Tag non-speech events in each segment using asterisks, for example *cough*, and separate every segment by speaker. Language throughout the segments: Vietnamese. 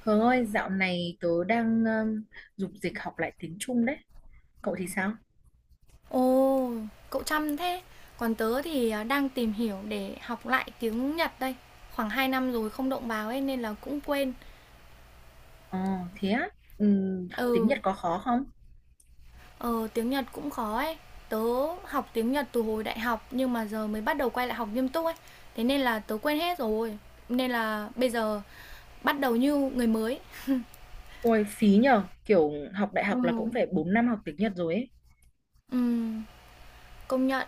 Speaker 1: Hường ơi, dạo này tớ đang dục dịch học lại tiếng Trung đấy. Cậu thì sao?
Speaker 2: Ồ, cậu chăm thế. Còn tớ thì, đang tìm hiểu để học lại tiếng Nhật đây. Khoảng 2 năm rồi không động vào ấy nên là cũng quên.
Speaker 1: Ờ, thế á? Học tiếng Nhật
Speaker 2: Ừ,
Speaker 1: có khó không?
Speaker 2: ờ, tiếng Nhật cũng khó ấy. Tớ học tiếng Nhật từ hồi đại học nhưng mà giờ mới bắt đầu quay lại học nghiêm túc ấy. Thế nên là tớ quên hết rồi. Nên là bây giờ bắt đầu như người mới.
Speaker 1: Ôi, phí nhờ. Kiểu học đại
Speaker 2: Ừ,
Speaker 1: học là cũng phải 4 năm học tiếng Nhật rồi ấy.
Speaker 2: ừ, công nhận.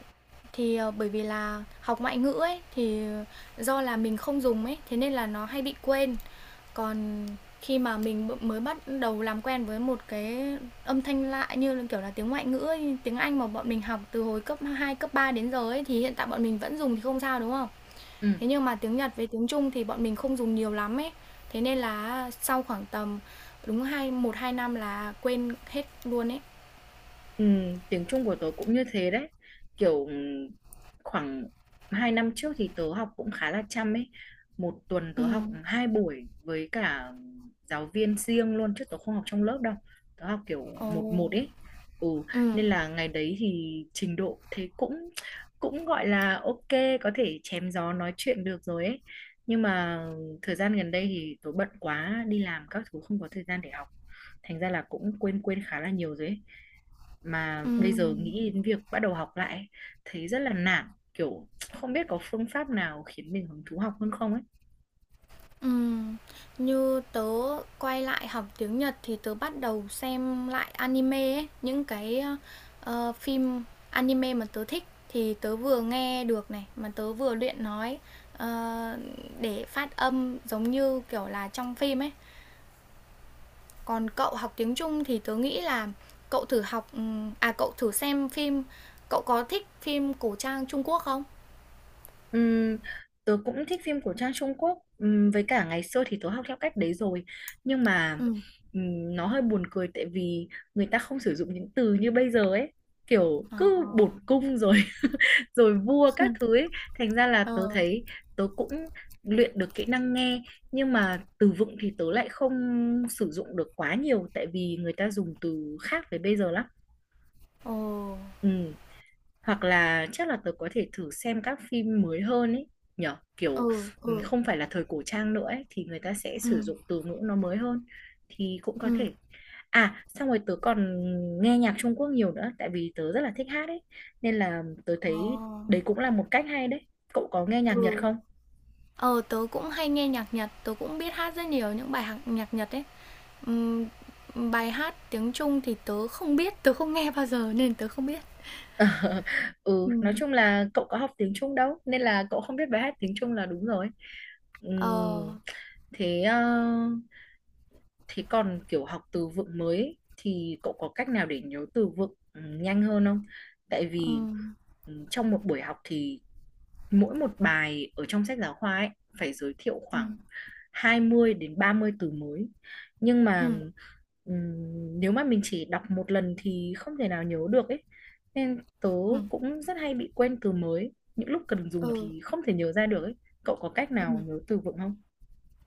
Speaker 2: Thì bởi vì là học ngoại ngữ ấy thì do là mình không dùng ấy, thế nên là nó hay bị quên. Còn khi mà mình mới bắt đầu làm quen với một cái âm thanh lạ như kiểu là, tiếng ngoại ngữ ấy, tiếng Anh mà bọn mình học từ hồi cấp 2 cấp 3 đến giờ ấy, thì hiện tại bọn mình vẫn dùng thì không sao, đúng không?
Speaker 1: Ừ.
Speaker 2: Thế nhưng mà tiếng Nhật với tiếng Trung thì bọn mình không dùng nhiều lắm ấy. Thế nên là sau khoảng tầm đúng một hai năm là quên hết luôn ấy.
Speaker 1: Ừ, tiếng Trung của tớ cũng như thế đấy, kiểu khoảng 2 năm trước thì tớ học cũng khá là chăm ấy, một tuần
Speaker 2: Ừ.
Speaker 1: tớ học hai buổi với cả giáo viên riêng luôn, chứ tớ không học trong lớp đâu. Tớ học kiểu
Speaker 2: Ồ,
Speaker 1: một một ấy, ừ,
Speaker 2: ừ,
Speaker 1: nên là ngày đấy thì trình độ thế cũng cũng gọi là ok, có thể chém gió nói chuyện được rồi ấy. Nhưng mà thời gian gần đây thì tớ bận quá, đi làm các thứ, không có thời gian để học, thành ra là cũng quên quên khá là nhiều rồi ấy. Mà
Speaker 2: ừ.
Speaker 1: bây giờ nghĩ đến việc bắt đầu học lại ấy, thấy rất là nản, kiểu không biết có phương pháp nào khiến mình hứng thú học hơn không ấy.
Speaker 2: Ừm, Như tớ quay lại học tiếng Nhật thì tớ bắt đầu xem lại anime ấy, những cái, phim anime mà tớ thích thì tớ vừa nghe được này, mà tớ vừa luyện nói, ờ, để phát âm giống như, kiểu là, trong phim ấy. Còn cậu học tiếng Trung thì tớ nghĩ là cậu thử xem phim, cậu có thích phim cổ trang Trung Quốc không?
Speaker 1: Ừm, tớ cũng thích phim của Trang Trung Quốc. Với cả ngày xưa thì tớ học theo cách đấy rồi, nhưng mà
Speaker 2: Ừ.
Speaker 1: nó hơi buồn cười, tại vì người ta không sử dụng những từ như bây giờ ấy, kiểu
Speaker 2: Ờ.
Speaker 1: cứ bổn cung rồi rồi vua các thứ
Speaker 2: *laughs*
Speaker 1: ấy. Thành ra là
Speaker 2: Ờ.
Speaker 1: tớ thấy tớ cũng luyện được kỹ năng nghe, nhưng mà từ vựng thì tớ lại không sử dụng được quá nhiều, tại vì người ta dùng từ khác với bây giờ lắm.
Speaker 2: Ồ.
Speaker 1: Ừ, hoặc là chắc là tớ có thể thử xem các phim mới hơn ấy, nhở, kiểu
Speaker 2: Ừ, ừ.
Speaker 1: không phải là thời cổ trang nữa ấy, thì người ta sẽ sử
Speaker 2: Ừm,
Speaker 1: dụng từ ngữ nó mới hơn, thì cũng có
Speaker 2: ừm.
Speaker 1: thể. À, xong rồi tớ còn nghe nhạc Trung Quốc nhiều nữa, tại vì tớ rất là thích hát ấy, nên là tớ
Speaker 2: Ờ.
Speaker 1: thấy đấy cũng là một cách hay đấy. Cậu có nghe nhạc Nhật
Speaker 2: Ừ.
Speaker 1: không?
Speaker 2: Ờ, tớ cũng hay nghe nhạc Nhật, tớ cũng biết hát rất nhiều những bài hạc nhạc Nhật ấy. Ừm, bài hát tiếng Trung thì tớ không biết, tớ không nghe bao giờ nên tớ không biết.
Speaker 1: *laughs* Ừ, nói
Speaker 2: Ừm.
Speaker 1: chung là cậu có học tiếng Trung đâu nên là cậu không biết bài hát tiếng Trung là đúng rồi.
Speaker 2: Ờ.
Speaker 1: Ừm, thế thế còn kiểu học từ vựng mới ấy, thì cậu có cách nào để nhớ từ vựng nhanh hơn không? Tại vì
Speaker 2: Ừm,
Speaker 1: trong một buổi học thì mỗi một bài ở trong sách giáo khoa ấy phải giới thiệu
Speaker 2: ừm,
Speaker 1: khoảng 20 đến 30 từ mới. Nhưng mà
Speaker 2: ừm,
Speaker 1: ừm, nếu mà mình chỉ đọc một lần thì không thể nào nhớ được ấy. Nên tớ
Speaker 2: ừm,
Speaker 1: cũng rất hay bị quên từ mới. Những lúc cần dùng
Speaker 2: ừ,
Speaker 1: thì không thể nhớ ra được ấy. Cậu có cách nào
Speaker 2: ừm.
Speaker 1: nhớ từ vựng không?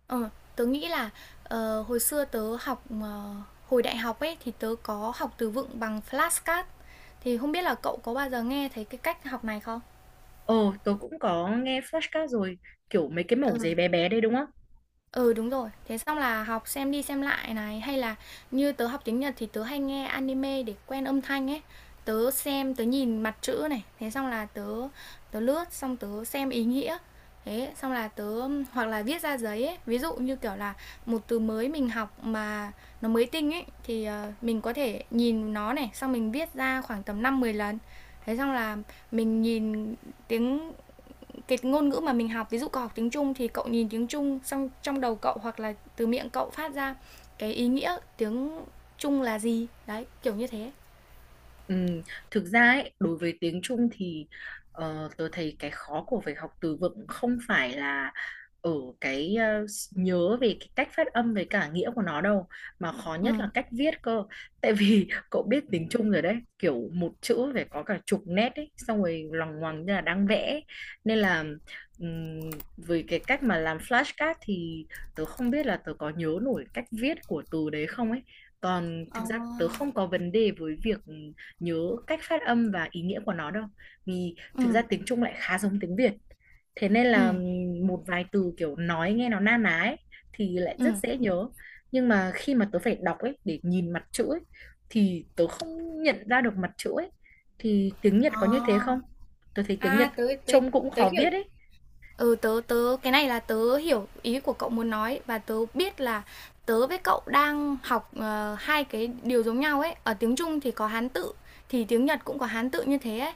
Speaker 2: Ờ, tớ nghĩ là hồi xưa tớ học hồi đại học ấy thì tớ có học từ vựng bằng flashcard, thì không biết là cậu có bao giờ nghe thấy cái cách học này không?
Speaker 1: Ồ, tớ cũng có nghe podcast rồi, kiểu mấy cái mẩu giấy bé bé đây đúng không?
Speaker 2: Ừ, đúng rồi. Thế xong là học xem đi xem lại này, hay là như tớ học tiếng Nhật thì tớ hay nghe anime để quen âm thanh ấy. Tớ xem, tớ nhìn mặt chữ này, thế xong là tớ tớ lướt xong tớ xem ý nghĩa. Thế xong là tớ hoặc là viết ra giấy ấy, ví dụ như kiểu là một từ mới mình học mà nó mới tinh ấy thì mình có thể nhìn nó này, xong mình viết ra khoảng tầm 5 10 lần. Thế xong là mình nhìn tiếng cái ngôn ngữ mà mình học, ví dụ cậu học tiếng Trung thì cậu nhìn tiếng Trung xong trong đầu cậu hoặc là từ miệng cậu phát ra cái ý nghĩa tiếng Trung là gì đấy, kiểu như thế.
Speaker 1: Ừm, thực ra ấy, đối với tiếng Trung thì tớ thấy cái khó của việc học từ vựng không phải là ở cái nhớ về cái cách phát âm với cả nghĩa của nó đâu, mà khó nhất
Speaker 2: Ừ.
Speaker 1: là cách viết cơ. Tại vì *laughs* cậu biết tiếng Trung rồi đấy, kiểu một chữ phải có cả chục nét ấy, xong rồi loằng ngoằng như là đang vẽ ấy. Nên là ừm, với cái cách mà làm flashcard thì tớ không biết là tớ có nhớ nổi cách viết của từ đấy không ấy. Còn
Speaker 2: À.
Speaker 1: thực ra tớ không có vấn đề với việc nhớ cách phát âm và ý nghĩa của nó đâu, vì thực
Speaker 2: Ừ.
Speaker 1: ra tiếng Trung lại khá giống tiếng Việt, thế nên
Speaker 2: Ừ.
Speaker 1: là một vài từ kiểu nói nghe nó na ná ấy, thì lại rất
Speaker 2: Ừ.
Speaker 1: dễ nhớ. Nhưng mà khi mà tớ phải đọc ấy, để nhìn mặt chữ ấy, thì tớ không nhận ra được mặt chữ ấy. Thì tiếng Nhật có như thế
Speaker 2: À,
Speaker 1: không? Tớ thấy tiếng Nhật
Speaker 2: à, tới tới
Speaker 1: trông cũng
Speaker 2: tới
Speaker 1: khó
Speaker 2: hiểu
Speaker 1: viết ấy.
Speaker 2: Ừ, tớ tớ cái này là tớ hiểu ý của cậu muốn nói và tớ biết là tớ với cậu đang học hai cái điều giống nhau ấy. Ở tiếng Trung thì có Hán tự thì tiếng Nhật cũng có Hán tự như thế ấy.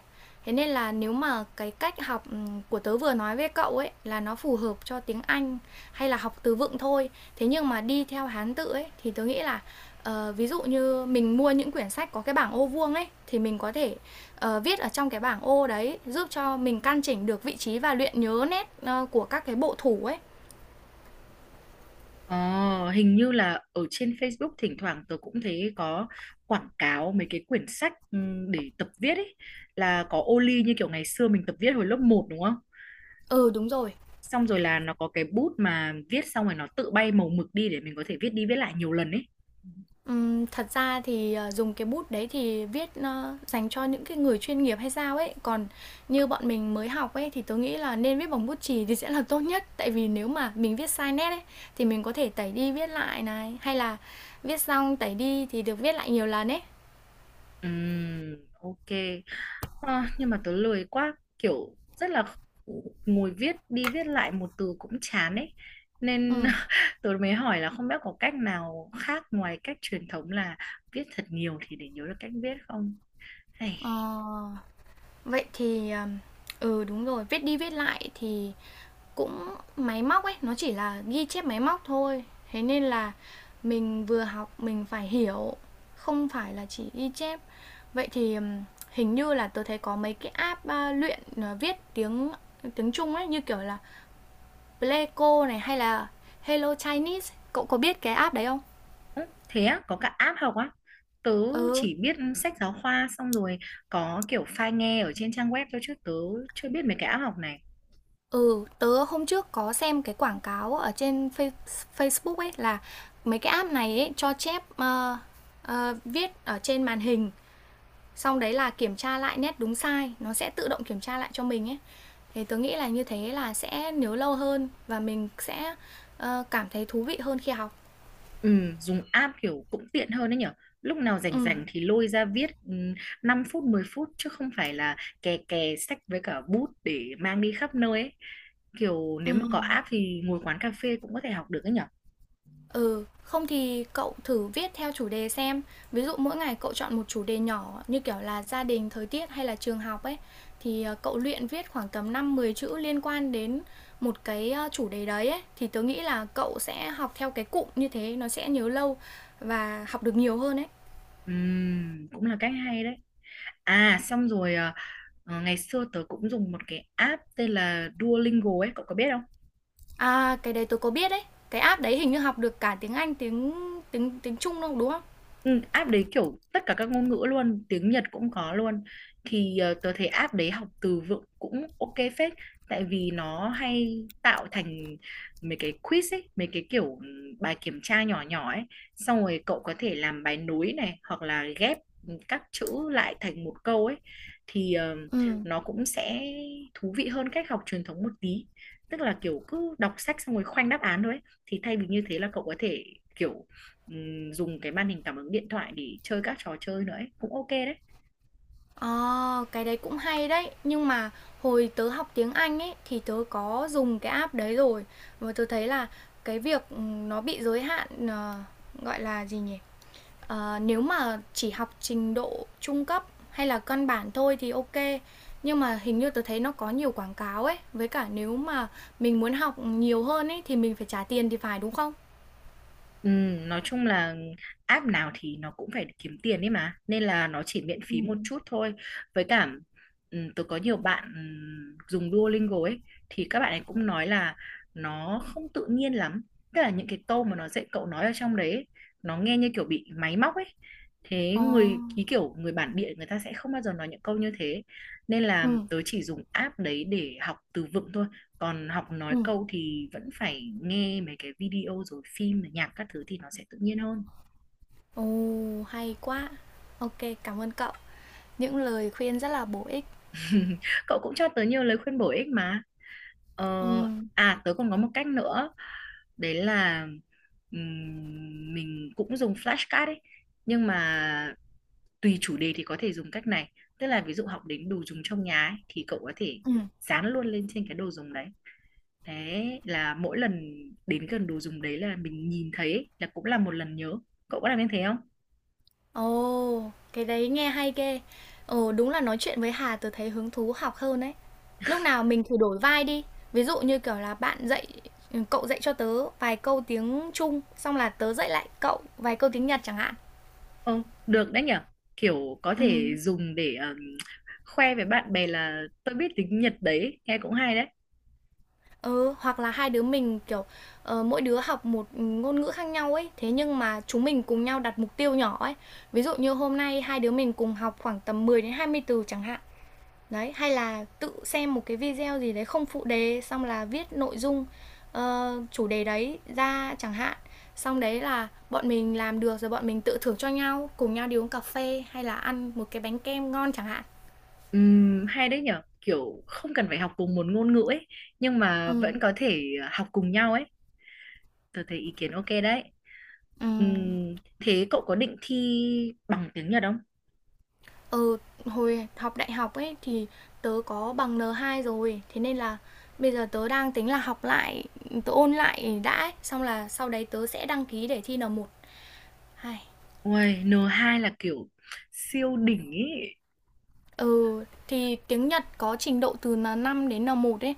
Speaker 2: Thế nên là nếu mà cái cách học của tớ vừa nói với cậu ấy là nó phù hợp cho tiếng Anh hay là học từ vựng thôi. Thế nhưng mà đi theo Hán tự ấy thì tớ nghĩ là ví dụ như mình mua những quyển sách có cái bảng ô vuông ấy thì mình có thể viết ở trong cái bảng ô đấy, giúp cho mình căn chỉnh được vị trí và luyện nhớ nét của các cái bộ thủ ấy.
Speaker 1: Ờ, hình như là ở trên Facebook thỉnh thoảng tớ cũng thấy có quảng cáo mấy cái quyển sách để tập viết ấy, là có ô ly như kiểu ngày xưa mình tập viết hồi lớp một đúng không?
Speaker 2: Ừ, đúng rồi.
Speaker 1: Xong rồi là nó có cái bút mà viết xong rồi nó tự bay màu mực đi để mình có thể viết đi viết lại nhiều lần ấy.
Speaker 2: Thật ra thì dùng cái bút đấy thì viết dành cho những cái người chuyên nghiệp hay sao ấy, còn như bọn mình mới học ấy thì tôi nghĩ là nên viết bằng bút chì thì sẽ là tốt nhất, tại vì nếu mà mình viết sai nét ấy thì mình có thể tẩy đi viết lại này, hay là viết xong tẩy đi thì được viết lại nhiều lần ấy.
Speaker 1: Ok. Ờ, nhưng mà tớ lười quá, kiểu rất là ngồi viết đi viết lại một từ cũng chán ấy, nên
Speaker 2: Ừ.
Speaker 1: *laughs* tớ mới hỏi là không biết có cách nào khác ngoài cách truyền thống là viết thật nhiều thì để nhớ được cách viết không, hay.
Speaker 2: ờ, vậy thì ừ, đúng rồi, viết đi viết lại thì cũng máy móc ấy, nó chỉ là ghi chép máy móc thôi. Thế nên là mình vừa học mình phải hiểu, không phải là chỉ ghi chép. Vậy thì hình như là tôi thấy có mấy cái app luyện viết tiếng tiếng Trung ấy, như kiểu là Pleico này hay là Hello Chinese. Cậu có biết cái app đấy không?
Speaker 1: Ơ, thế á, có cả app học á? Tớ
Speaker 2: Ừ,
Speaker 1: chỉ biết sách giáo khoa, xong rồi có kiểu file nghe ở trên trang web thôi, chứ tớ chưa biết mấy cái app học này.
Speaker 2: ừ, tớ hôm trước có xem cái quảng cáo ở trên Facebook ấy, là mấy cái app này ấy cho chép viết ở trên màn hình, xong đấy là kiểm tra lại nét đúng sai, nó sẽ tự động kiểm tra lại cho mình ấy, thì tớ nghĩ là như thế là sẽ nhớ lâu hơn và mình sẽ cảm thấy thú vị hơn khi học.
Speaker 1: Ừ, dùng app kiểu cũng tiện hơn đấy nhở, lúc nào rảnh
Speaker 2: Ừ.
Speaker 1: rảnh thì lôi ra viết 5 phút 10 phút, chứ không phải là kè kè sách với cả bút để mang đi khắp nơi ấy. Kiểu nếu mà có
Speaker 2: Ừ.
Speaker 1: app thì ngồi quán cà phê cũng có thể học được đấy nhở.
Speaker 2: Ừ, không thì cậu thử viết theo chủ đề xem, ví dụ mỗi ngày cậu chọn một chủ đề nhỏ như kiểu là gia đình, thời tiết hay là trường học ấy, thì cậu luyện viết khoảng tầm 5 10 chữ liên quan đến một cái chủ đề đấy ấy, thì tớ nghĩ là cậu sẽ học theo cái cụm như thế nó sẽ nhớ lâu và học được nhiều hơn ấy.
Speaker 1: Cũng là cách hay đấy. À, xong rồi ngày xưa tớ cũng dùng một cái app tên là Duolingo ấy, cậu có biết không?
Speaker 2: À, cái đấy tôi có biết đấy. Cái app đấy hình như học được cả tiếng Anh, tiếng tiếng tiếng Trung đâu đúng không?
Speaker 1: Ừ, app đấy kiểu tất cả các ngôn ngữ luôn, tiếng Nhật cũng có luôn. Thì tớ thấy app đấy học từ vựng cũng ok phết, tại vì nó hay tạo thành mấy cái quiz ấy, mấy cái kiểu bài kiểm tra nhỏ nhỏ ấy, xong rồi cậu có thể làm bài nối này, hoặc là ghép các chữ lại thành một câu ấy, thì
Speaker 2: Ừ.
Speaker 1: nó cũng sẽ thú vị hơn cách học truyền thống một tí. Tức là kiểu cứ đọc sách xong rồi khoanh đáp án thôi ấy. Thì thay vì như thế là cậu có thể kiểu dùng cái màn hình cảm ứng điện thoại để chơi các trò chơi nữa ấy. Cũng ok đấy.
Speaker 2: Ờ, cái đấy cũng hay đấy. Nhưng mà hồi tớ học tiếng Anh ấy thì tớ có dùng cái app đấy rồi. Và tớ thấy là cái việc nó bị giới hạn gọi là gì nhỉ? Ờ, nếu mà chỉ học trình độ trung cấp hay là căn bản thôi thì ok. Nhưng mà hình như tớ thấy nó có nhiều quảng cáo ấy. Với cả nếu mà mình muốn học nhiều hơn ấy thì mình phải trả tiền thì phải, đúng không?
Speaker 1: Nói chung là app nào thì nó cũng phải kiếm tiền ấy mà, nên là nó chỉ miễn
Speaker 2: Ừ.
Speaker 1: phí một chút thôi. Với cả tôi có nhiều bạn dùng Duolingo ấy, thì các bạn ấy cũng nói là nó không tự nhiên lắm, tức là những cái câu mà nó dạy cậu nói ở trong đấy ấy, nó nghe như kiểu bị máy móc ấy, thế
Speaker 2: Ờ,
Speaker 1: người ký kiểu người bản địa người ta sẽ không bao giờ nói những câu như thế. Nên là
Speaker 2: ừ,
Speaker 1: tớ chỉ dùng app đấy để học từ vựng thôi, còn học nói
Speaker 2: ừ.
Speaker 1: câu thì vẫn phải nghe mấy cái video rồi phim rồi nhạc các thứ, thì nó sẽ tự nhiên hơn.
Speaker 2: Ồ, hay quá. Ok, cảm ơn cậu. Những lời khuyên rất là bổ ích.
Speaker 1: *laughs* Cậu cũng cho tớ nhiều lời khuyên bổ ích mà. ờ,
Speaker 2: Ừ,
Speaker 1: À, tớ còn có một cách nữa, đấy là mình cũng dùng flashcard ấy, nhưng mà tùy chủ đề thì có thể dùng cách này. Tức là ví dụ học đến đồ dùng trong nhà ấy, thì cậu có thể
Speaker 2: ừ.
Speaker 1: dán luôn lên trên cái đồ dùng đấy, thế là mỗi lần đến gần đồ dùng đấy là mình nhìn thấy ấy, là cũng là một lần nhớ. Cậu có làm như thế không?
Speaker 2: Ồ, cái đấy nghe hay ghê. Ồ, đúng là nói chuyện với Hà tớ thấy hứng thú học hơn đấy. Lúc nào mình thử đổi vai đi. Ví dụ như kiểu là bạn dạy, ừ, cậu dạy cho tớ vài câu tiếng Trung, xong là tớ dạy lại cậu vài câu tiếng Nhật chẳng hạn.
Speaker 1: Ồ, được đấy nhở, kiểu có
Speaker 2: Ừ.
Speaker 1: thể dùng để khoe với bạn bè là tôi biết tiếng Nhật đấy, nghe cũng hay đấy.
Speaker 2: Ừ, hoặc là hai đứa mình, kiểu, mỗi đứa học một ngôn ngữ khác nhau ấy, thế nhưng mà chúng mình cùng nhau đặt mục tiêu nhỏ ấy. Ví dụ như hôm nay hai đứa mình cùng học khoảng tầm 10 đến 20 từ chẳng hạn. Đấy, hay là tự xem một cái video gì đấy không phụ đề, xong là viết nội dung chủ đề đấy ra chẳng hạn. Xong đấy là bọn mình làm được rồi bọn mình tự thưởng cho nhau, cùng nhau đi uống cà phê hay là ăn một cái bánh kem ngon chẳng hạn.
Speaker 1: Hay đấy nhở, kiểu không cần phải học cùng một ngôn ngữ ấy, nhưng mà
Speaker 2: Ừ,
Speaker 1: vẫn có thể học cùng nhau ấy. Tôi thấy ý kiến ok đấy.
Speaker 2: ừ.
Speaker 1: Thế cậu có định thi bằng tiếng Nhật không?
Speaker 2: Ừ, hồi học đại học ấy thì tớ có bằng N2 rồi, thế nên là bây giờ tớ đang tính là học lại, tớ ôn lại đã ấy. Xong là sau đấy tớ sẽ đăng ký để thi N1. Hai.
Speaker 1: Uầy, N2 là kiểu siêu đỉnh ý.
Speaker 2: Ừ, thì tiếng Nhật có trình độ từ N5 đến N1 ấy.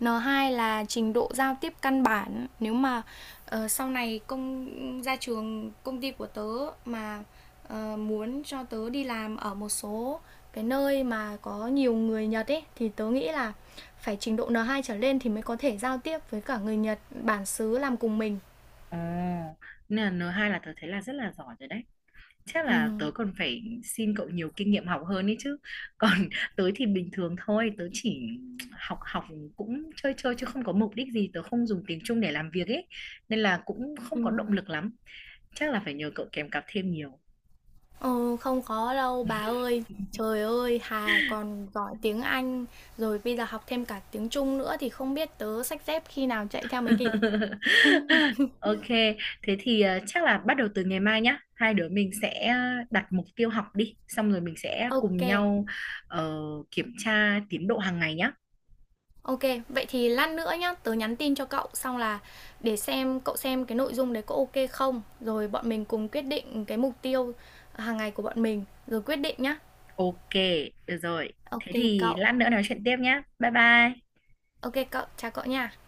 Speaker 2: N2 là trình độ giao tiếp căn bản. Nếu mà sau này ra trường, công ty của tớ mà muốn cho tớ đi làm ở một số cái nơi mà có nhiều người Nhật ấy, thì tớ nghĩ là phải trình độ N2 trở lên thì mới có thể giao tiếp với cả người Nhật bản xứ làm cùng mình.
Speaker 1: Ồ, nên là N2 là tớ thấy là rất là giỏi rồi đấy. Chắc
Speaker 2: Ừ,
Speaker 1: là tớ còn phải xin cậu nhiều kinh nghiệm học hơn ấy chứ. Còn *laughs* tớ thì bình thường thôi, tớ chỉ học học cũng chơi chơi, chứ không có mục đích gì, tớ không dùng tiếng Trung để làm việc ấy, nên là cũng
Speaker 2: ừ.
Speaker 1: không có động lực lắm. Chắc là phải nhờ cậu kèm cặp thêm nhiều.
Speaker 2: Ờ, không có đâu bà ơi. Trời ơi, Hà còn giỏi tiếng Anh, rồi bây giờ học thêm cả tiếng Trung nữa thì không biết tớ xách dép khi nào chạy theo mới kịp.
Speaker 1: *laughs* Ok, thế thì chắc là bắt đầu từ ngày mai nhá, hai đứa mình sẽ đặt mục tiêu học đi, xong rồi mình sẽ
Speaker 2: Ok,
Speaker 1: cùng nhau ờ, kiểm tra tiến độ hàng ngày nhá.
Speaker 2: ok. Vậy thì lát nữa nhá, tớ nhắn tin cho cậu xong là để xem cậu xem cái nội dung đấy có ok không, rồi bọn mình cùng quyết định cái mục tiêu hàng ngày của bọn mình, rồi quyết định nhá.
Speaker 1: Ok, được rồi.
Speaker 2: Ok
Speaker 1: Thế thì
Speaker 2: cậu.
Speaker 1: lát nữa nói chuyện tiếp nhé. Bye bye.
Speaker 2: Ok cậu, chào cậu nha.